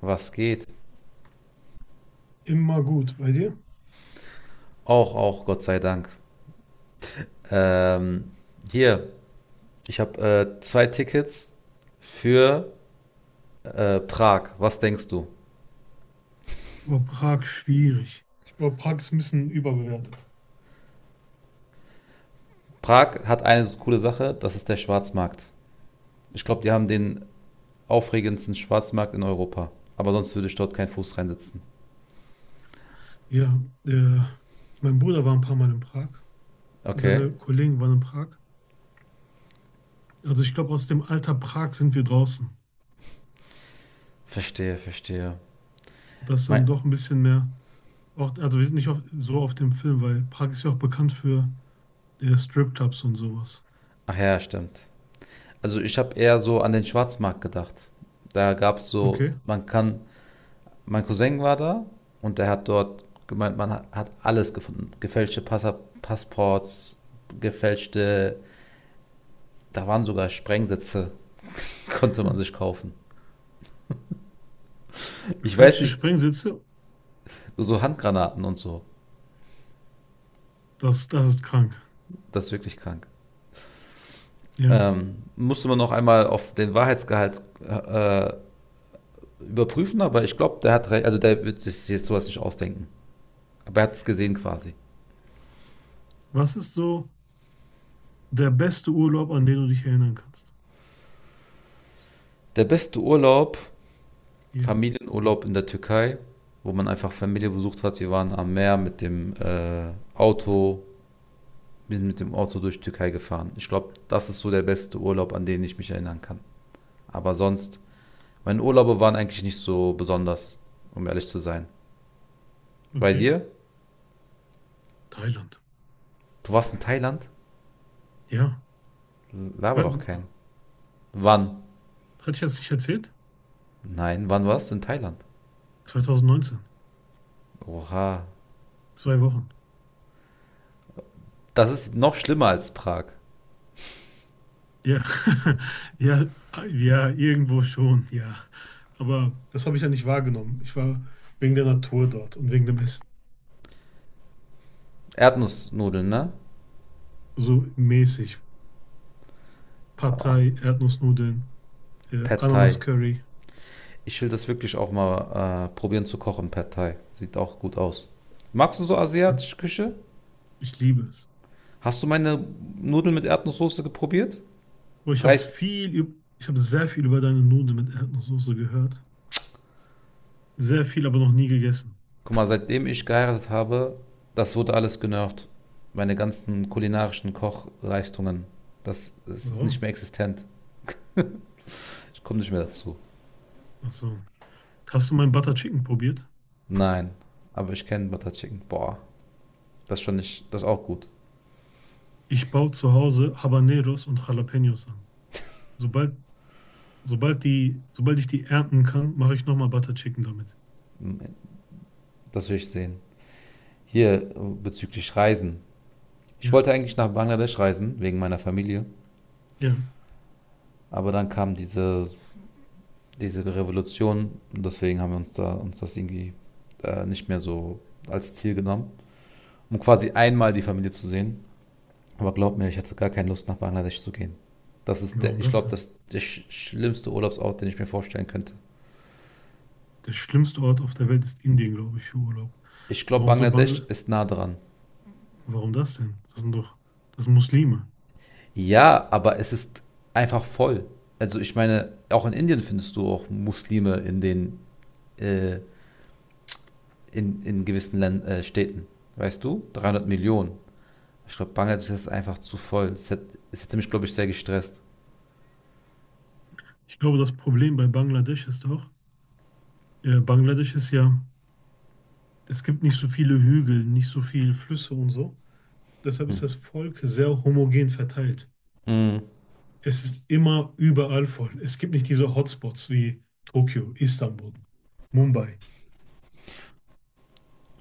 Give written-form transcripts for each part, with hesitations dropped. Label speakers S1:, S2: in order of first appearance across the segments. S1: Was geht?
S2: Immer gut. Bei dir?
S1: Auch, auch, Gott sei Dank. Ähm, hier, ich habe zwei Tickets für Prag. Was denkst du?
S2: War Prag schwierig. Ich glaube, Prag ist ein bisschen überbewertet.
S1: Prag hat eine so coole Sache, das ist der Schwarzmarkt. Ich glaube, die haben den aufregendsten Schwarzmarkt in Europa. Aber sonst würde ich dort keinen Fuß reinsetzen.
S2: Ja, der, mein Bruder war ein paar Mal in Prag.
S1: Okay,
S2: Seine Kollegen waren in Prag. Also ich glaube, aus dem Alter Prag sind wir draußen.
S1: verstehe, verstehe.
S2: Das ist
S1: Mein,
S2: dann doch ein bisschen mehr. Auch, also wir sind nicht auf, so auf dem Film, weil Prag ist ja auch bekannt für Stripclubs und sowas.
S1: ach ja, stimmt. Also ich habe eher so an den Schwarzmarkt gedacht. Da gab es so,
S2: Okay.
S1: man kann. Mein Cousin war da und der hat dort gemeint, man hat alles gefunden. Gefälschte Passa Passports, gefälschte, da waren sogar Sprengsätze, konnte man sich kaufen. Ich weiß
S2: Gefälschte
S1: nicht,
S2: Springsitze,
S1: so Handgranaten und so.
S2: das ist krank.
S1: Das ist wirklich krank.
S2: Ja.
S1: Musste man noch einmal auf den Wahrheitsgehalt äh, überprüfen, aber ich glaube, der hat recht, also der wird sich jetzt sowas nicht ausdenken. Aber er hat es gesehen quasi.
S2: Was ist so der beste Urlaub, an den du dich erinnern kannst?
S1: Der beste Urlaub.
S2: Ja.
S1: Familienurlaub in der Türkei, wo man einfach Familie besucht hat. Wir waren am Meer mit dem Auto, wir sind mit dem Auto durch die Türkei gefahren. Ich glaube, das ist so der beste Urlaub, an den ich mich erinnern kann. Aber sonst, meine Urlaube waren eigentlich nicht so besonders, um ehrlich zu sein. Bei
S2: Okay.
S1: dir?
S2: Thailand.
S1: Du warst in Thailand?
S2: Ja.
S1: Laber
S2: Was?
S1: doch keinen. Wann?
S2: Hatte ich das nicht erzählt?
S1: Nein, wann warst du in Thailand?
S2: 2019,
S1: Oha.
S2: 2 Wochen.
S1: Das ist noch schlimmer als Prag.
S2: Ja, ja, ja, irgendwo schon, ja. Aber das habe ich ja nicht wahrgenommen. Ich war wegen der Natur dort und wegen dem Essen.
S1: Erdnussnudeln, ne?
S2: So mäßig.
S1: Oh,
S2: Partei, Erdnussnudeln,
S1: Pad Thai.
S2: Ananas-Curry.
S1: Ich will das wirklich auch mal probieren zu kochen, Pad Thai. Sieht auch gut aus. Magst du so
S2: Hat-
S1: asiatische Küche?
S2: Ich liebe es.
S1: Hast du meine Nudeln mit Erdnusssoße geprobiert?
S2: Aber
S1: Reicht.
S2: ich habe sehr viel über deine Nudeln mit Erdnusssoße gehört. Sehr viel, aber noch nie gegessen.
S1: Guck mal, seitdem ich geheiratet habe, das wurde alles genervt. Meine ganzen kulinarischen Kochleistungen, das ist nicht
S2: Warum?
S1: mehr existent. Ich komme nicht mehr dazu.
S2: Ach so. Hast du mein Butter Chicken probiert?
S1: Nein, aber ich kenne Butter Chicken. Boah, das schon nicht, das ist auch gut.
S2: Ich baue zu Hause Habaneros und Jalapenos an. Sobald, sobald ich die ernten kann, mache ich nochmal Butter Chicken damit.
S1: Das will ich sehen. Hier bezüglich Reisen. Ich
S2: Ja,
S1: wollte eigentlich nach Bangladesch reisen, wegen meiner Familie.
S2: ja.
S1: Aber dann kam diese Revolution und deswegen haben wir uns da uns das irgendwie nicht mehr so als Ziel genommen, um quasi einmal die Familie zu sehen. Aber glaub mir, ich hatte gar keine Lust nach Bangladesch zu gehen. Das ist der,
S2: Warum
S1: ich
S2: das
S1: glaube,
S2: denn?
S1: das ist der schlimmste Urlaubsort, den ich mir vorstellen könnte.
S2: Der schlimmste Ort auf der Welt ist Indien, glaube ich, für Urlaub.
S1: Ich glaube,
S2: Warum so
S1: Bangladesch
S2: Bangla?
S1: ist nah dran.
S2: Warum das denn? Das sind doch, das sind Muslime.
S1: Ja, aber es ist einfach voll. Also ich meine, auch in Indien findest du auch Muslime in den äh, in gewissen Län Städten. Weißt du? 300 Millionen. Ich glaube, Bangladesch ist einfach zu voll. Es hätte mich, glaube ich, sehr gestresst.
S2: Ich glaube, das Problem bei Bangladesch ist doch, Bangladesch ist ja, es gibt nicht so viele Hügel, nicht so viele Flüsse und so. Deshalb
S1: Hm.
S2: ist das Volk sehr homogen verteilt. Es ist immer überall voll. Es gibt nicht diese Hotspots wie Tokio, Istanbul, Mumbai.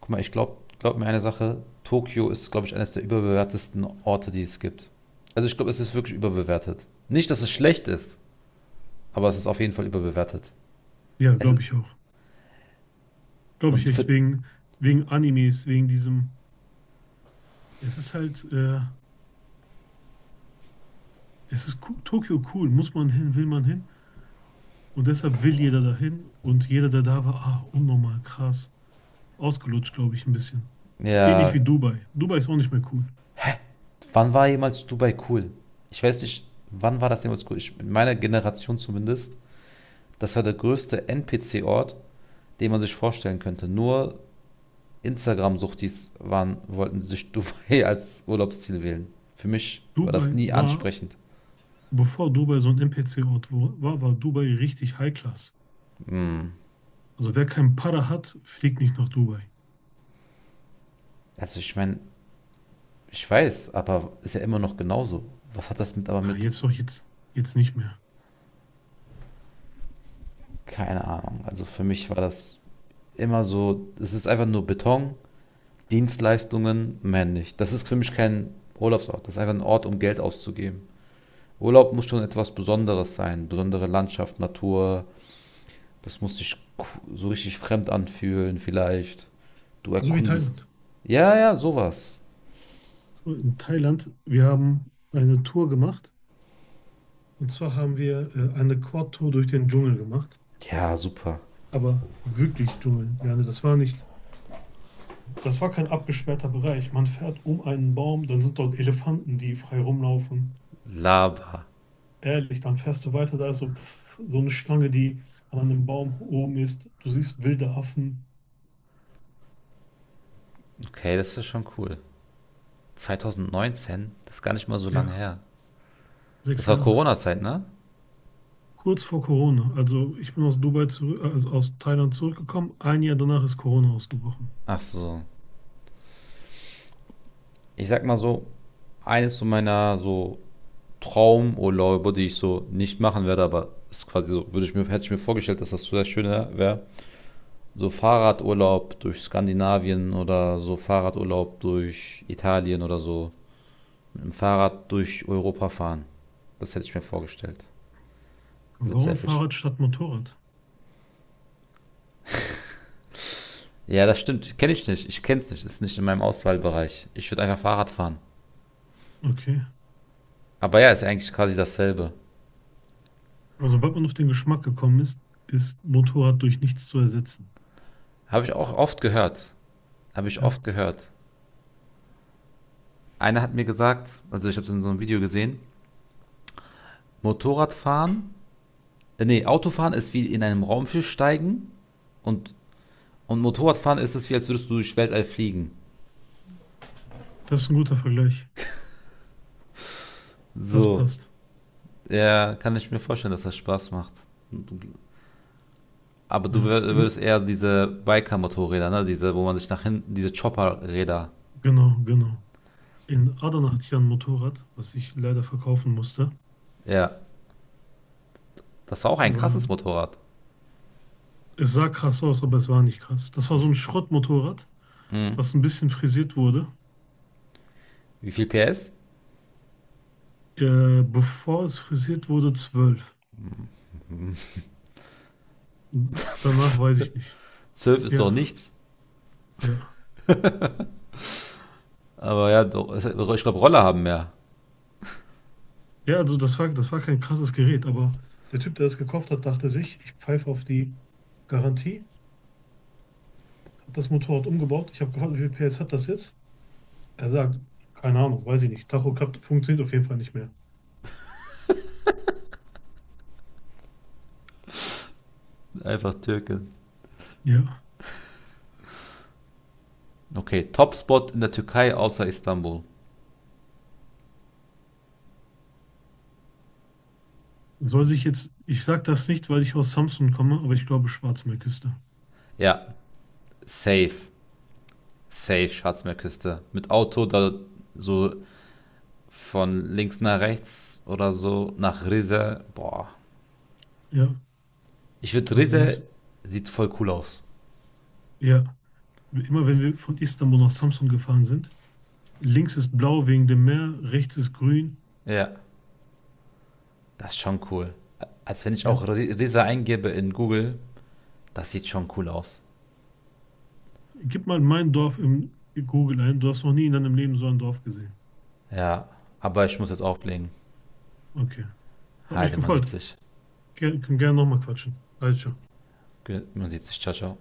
S1: Guck mal, ich glaube, glaub mir eine Sache. Tokio ist, glaube ich, eines der überbewertesten Orte, die es gibt. Also ich glaube, es ist wirklich überbewertet. Nicht, dass es schlecht ist, aber es ist auf jeden Fall überbewertet.
S2: Ja,
S1: Es,
S2: glaube ich auch. Glaube ich
S1: und
S2: echt,
S1: für,
S2: wegen Animes, wegen diesem. Es ist halt, Tokio cool. Muss man hin, will man hin. Und deshalb will jeder dahin. Und jeder, der da war, ah, unnormal, krass. Ausgelutscht, glaube ich, ein bisschen. Ähnlich
S1: ja,
S2: wie Dubai. Dubai ist auch nicht mehr cool.
S1: wann war jemals Dubai cool? Ich weiß nicht, wann war das jemals cool? Ich, in meiner Generation zumindest, das war der größte NPC-Ort, den man sich vorstellen könnte. Nur Instagram-Suchtis waren, wollten sich Dubai als Urlaubsziel wählen. Für mich war das
S2: Dubai
S1: nie
S2: war,
S1: ansprechend.
S2: bevor Dubai so ein NPC-Ort war, war Dubai richtig High Class.
S1: Hm.
S2: Also wer keinen Para hat, fliegt nicht nach Dubai.
S1: Also ich meine, ich weiß, aber ist ja immer noch genauso. Was hat das mit aber
S2: Ah,
S1: mit?
S2: jetzt doch, jetzt nicht mehr.
S1: Keine Ahnung. Also für mich war das immer so, es ist einfach nur Beton, Dienstleistungen, mehr nicht. Das ist für mich kein Urlaubsort. Das ist einfach ein Ort, um Geld auszugeben. Urlaub muss schon etwas Besonderes sein. Besondere Landschaft, Natur. Das muss sich so richtig fremd anfühlen vielleicht. Du
S2: So wie
S1: erkundest.
S2: Thailand.
S1: Ja, ja, sowas.
S2: In Thailand, wir haben eine Tour gemacht. Und zwar haben wir eine Quad-Tour durch den Dschungel gemacht.
S1: Ja, super.
S2: Aber wirklich Dschungel. Ja, ne, das war nicht, das war kein abgesperrter Bereich. Man fährt um einen Baum, dann sind dort Elefanten, die frei rumlaufen.
S1: Lava.
S2: Ehrlich, dann fährst du weiter, da ist so, pff, so eine Schlange, die an einem Baum oben ist. Du siehst wilde Affen.
S1: Okay, das ist ja schon cool. 2019, das ist gar nicht mal so lange
S2: Ja,
S1: her.
S2: sechs
S1: Das war
S2: Jahre.
S1: Corona-Zeit, ne?
S2: Kurz vor Corona. Also ich bin aus Dubai zurück, also aus Thailand zurückgekommen. Ein Jahr danach ist Corona ausgebrochen.
S1: Ach so. Ich sag mal so, eines so meiner so Traumurlaube, die ich so nicht machen werde, aber ist quasi so, würde ich mir, hätte ich mir vorgestellt, dass das so sehr schön wäre. So Fahrradurlaub durch Skandinavien oder so Fahrradurlaub durch Italien oder so. Mit dem Fahrrad durch Europa fahren. Das hätte ich mir vorgestellt. Wird
S2: Warum
S1: sehr fisch.
S2: Fahrrad statt Motorrad?
S1: Ja, das stimmt. Kenne ich nicht. Ich kenne es nicht. Ist nicht in meinem Auswahlbereich. Ich würde einfach Fahrrad fahren.
S2: Okay.
S1: Aber ja, ist ja eigentlich quasi dasselbe.
S2: Aber sobald man auf den Geschmack gekommen ist, ist Motorrad durch nichts zu ersetzen.
S1: Habe ich auch oft gehört. Habe ich
S2: Ja,
S1: oft gehört. Einer hat mir gesagt, also ich habe es in so einem Video gesehen, Motorradfahren, nee, Autofahren ist wie in einem Raumschiff steigen und, und Motorradfahren ist es wie, als würdest du durch Weltall fliegen.
S2: das ist ein guter Vergleich. Das
S1: So.
S2: passt.
S1: Ja, kann ich mir vorstellen, dass das Spaß macht. Aber du
S2: Ja.
S1: würdest
S2: In,
S1: eher diese Biker-Motorräder, ne? Diese, wo man sich nach hinten, diese Chopper-Räder.
S2: genau, genau. In Adana hatte ich ja ein Motorrad, was ich leider verkaufen musste.
S1: Ja. Das war auch ein
S2: War,
S1: krasses Motorrad.
S2: es sah krass aus, aber es war nicht krass. Das war so ein Schrottmotorrad,
S1: Mhm.
S2: was ein bisschen frisiert wurde.
S1: Wie viel PS?
S2: Bevor es frisiert wurde, 12. Danach weiß ich nicht.
S1: 12 ist
S2: Ja,
S1: doch nichts.
S2: ja.
S1: Aber ja, doch, ich glaube, Roller haben mehr.
S2: Ja, also das war kein krasses Gerät, aber der Typ, der das gekauft hat, dachte sich, ich pfeife auf die Garantie, hat das Motorrad umgebaut. Ich habe gefragt, wie viel PS hat das jetzt? Er sagt, keine Ahnung, weiß ich nicht. Tacho klappt, funktioniert auf jeden Fall nicht mehr.
S1: Einfach Türke.
S2: Ja,
S1: Okay, Topspot in der Türkei außer Istanbul.
S2: soll sich jetzt, ich sage das nicht, weil ich aus Samsun komme, aber ich glaube Schwarzmeerküste.
S1: Ja, safe. Safe, Schatzmeerküste. Mit Auto da so von links nach rechts oder so nach Rize. Boah.
S2: Ja,
S1: Ich würde
S2: also
S1: Rize
S2: dieses,
S1: sieht voll cool aus.
S2: ja, immer wenn wir von Istanbul nach Samsun gefahren sind, links ist blau wegen dem Meer, rechts ist grün.
S1: Ja, das ist schon cool. Als wenn ich auch
S2: Ja.
S1: Rize eingebe in Google, das sieht schon cool aus.
S2: Gib mal mein Dorf im Google ein. Du hast noch nie in deinem Leben so ein Dorf gesehen.
S1: Ja, aber ich muss jetzt auflegen.
S2: Okay. Hat mich
S1: Heide, man
S2: gefreut.
S1: sieht sich.
S2: Ger können gerne nochmal quatschen. Also.
S1: Man sieht sich. Ciao, ciao.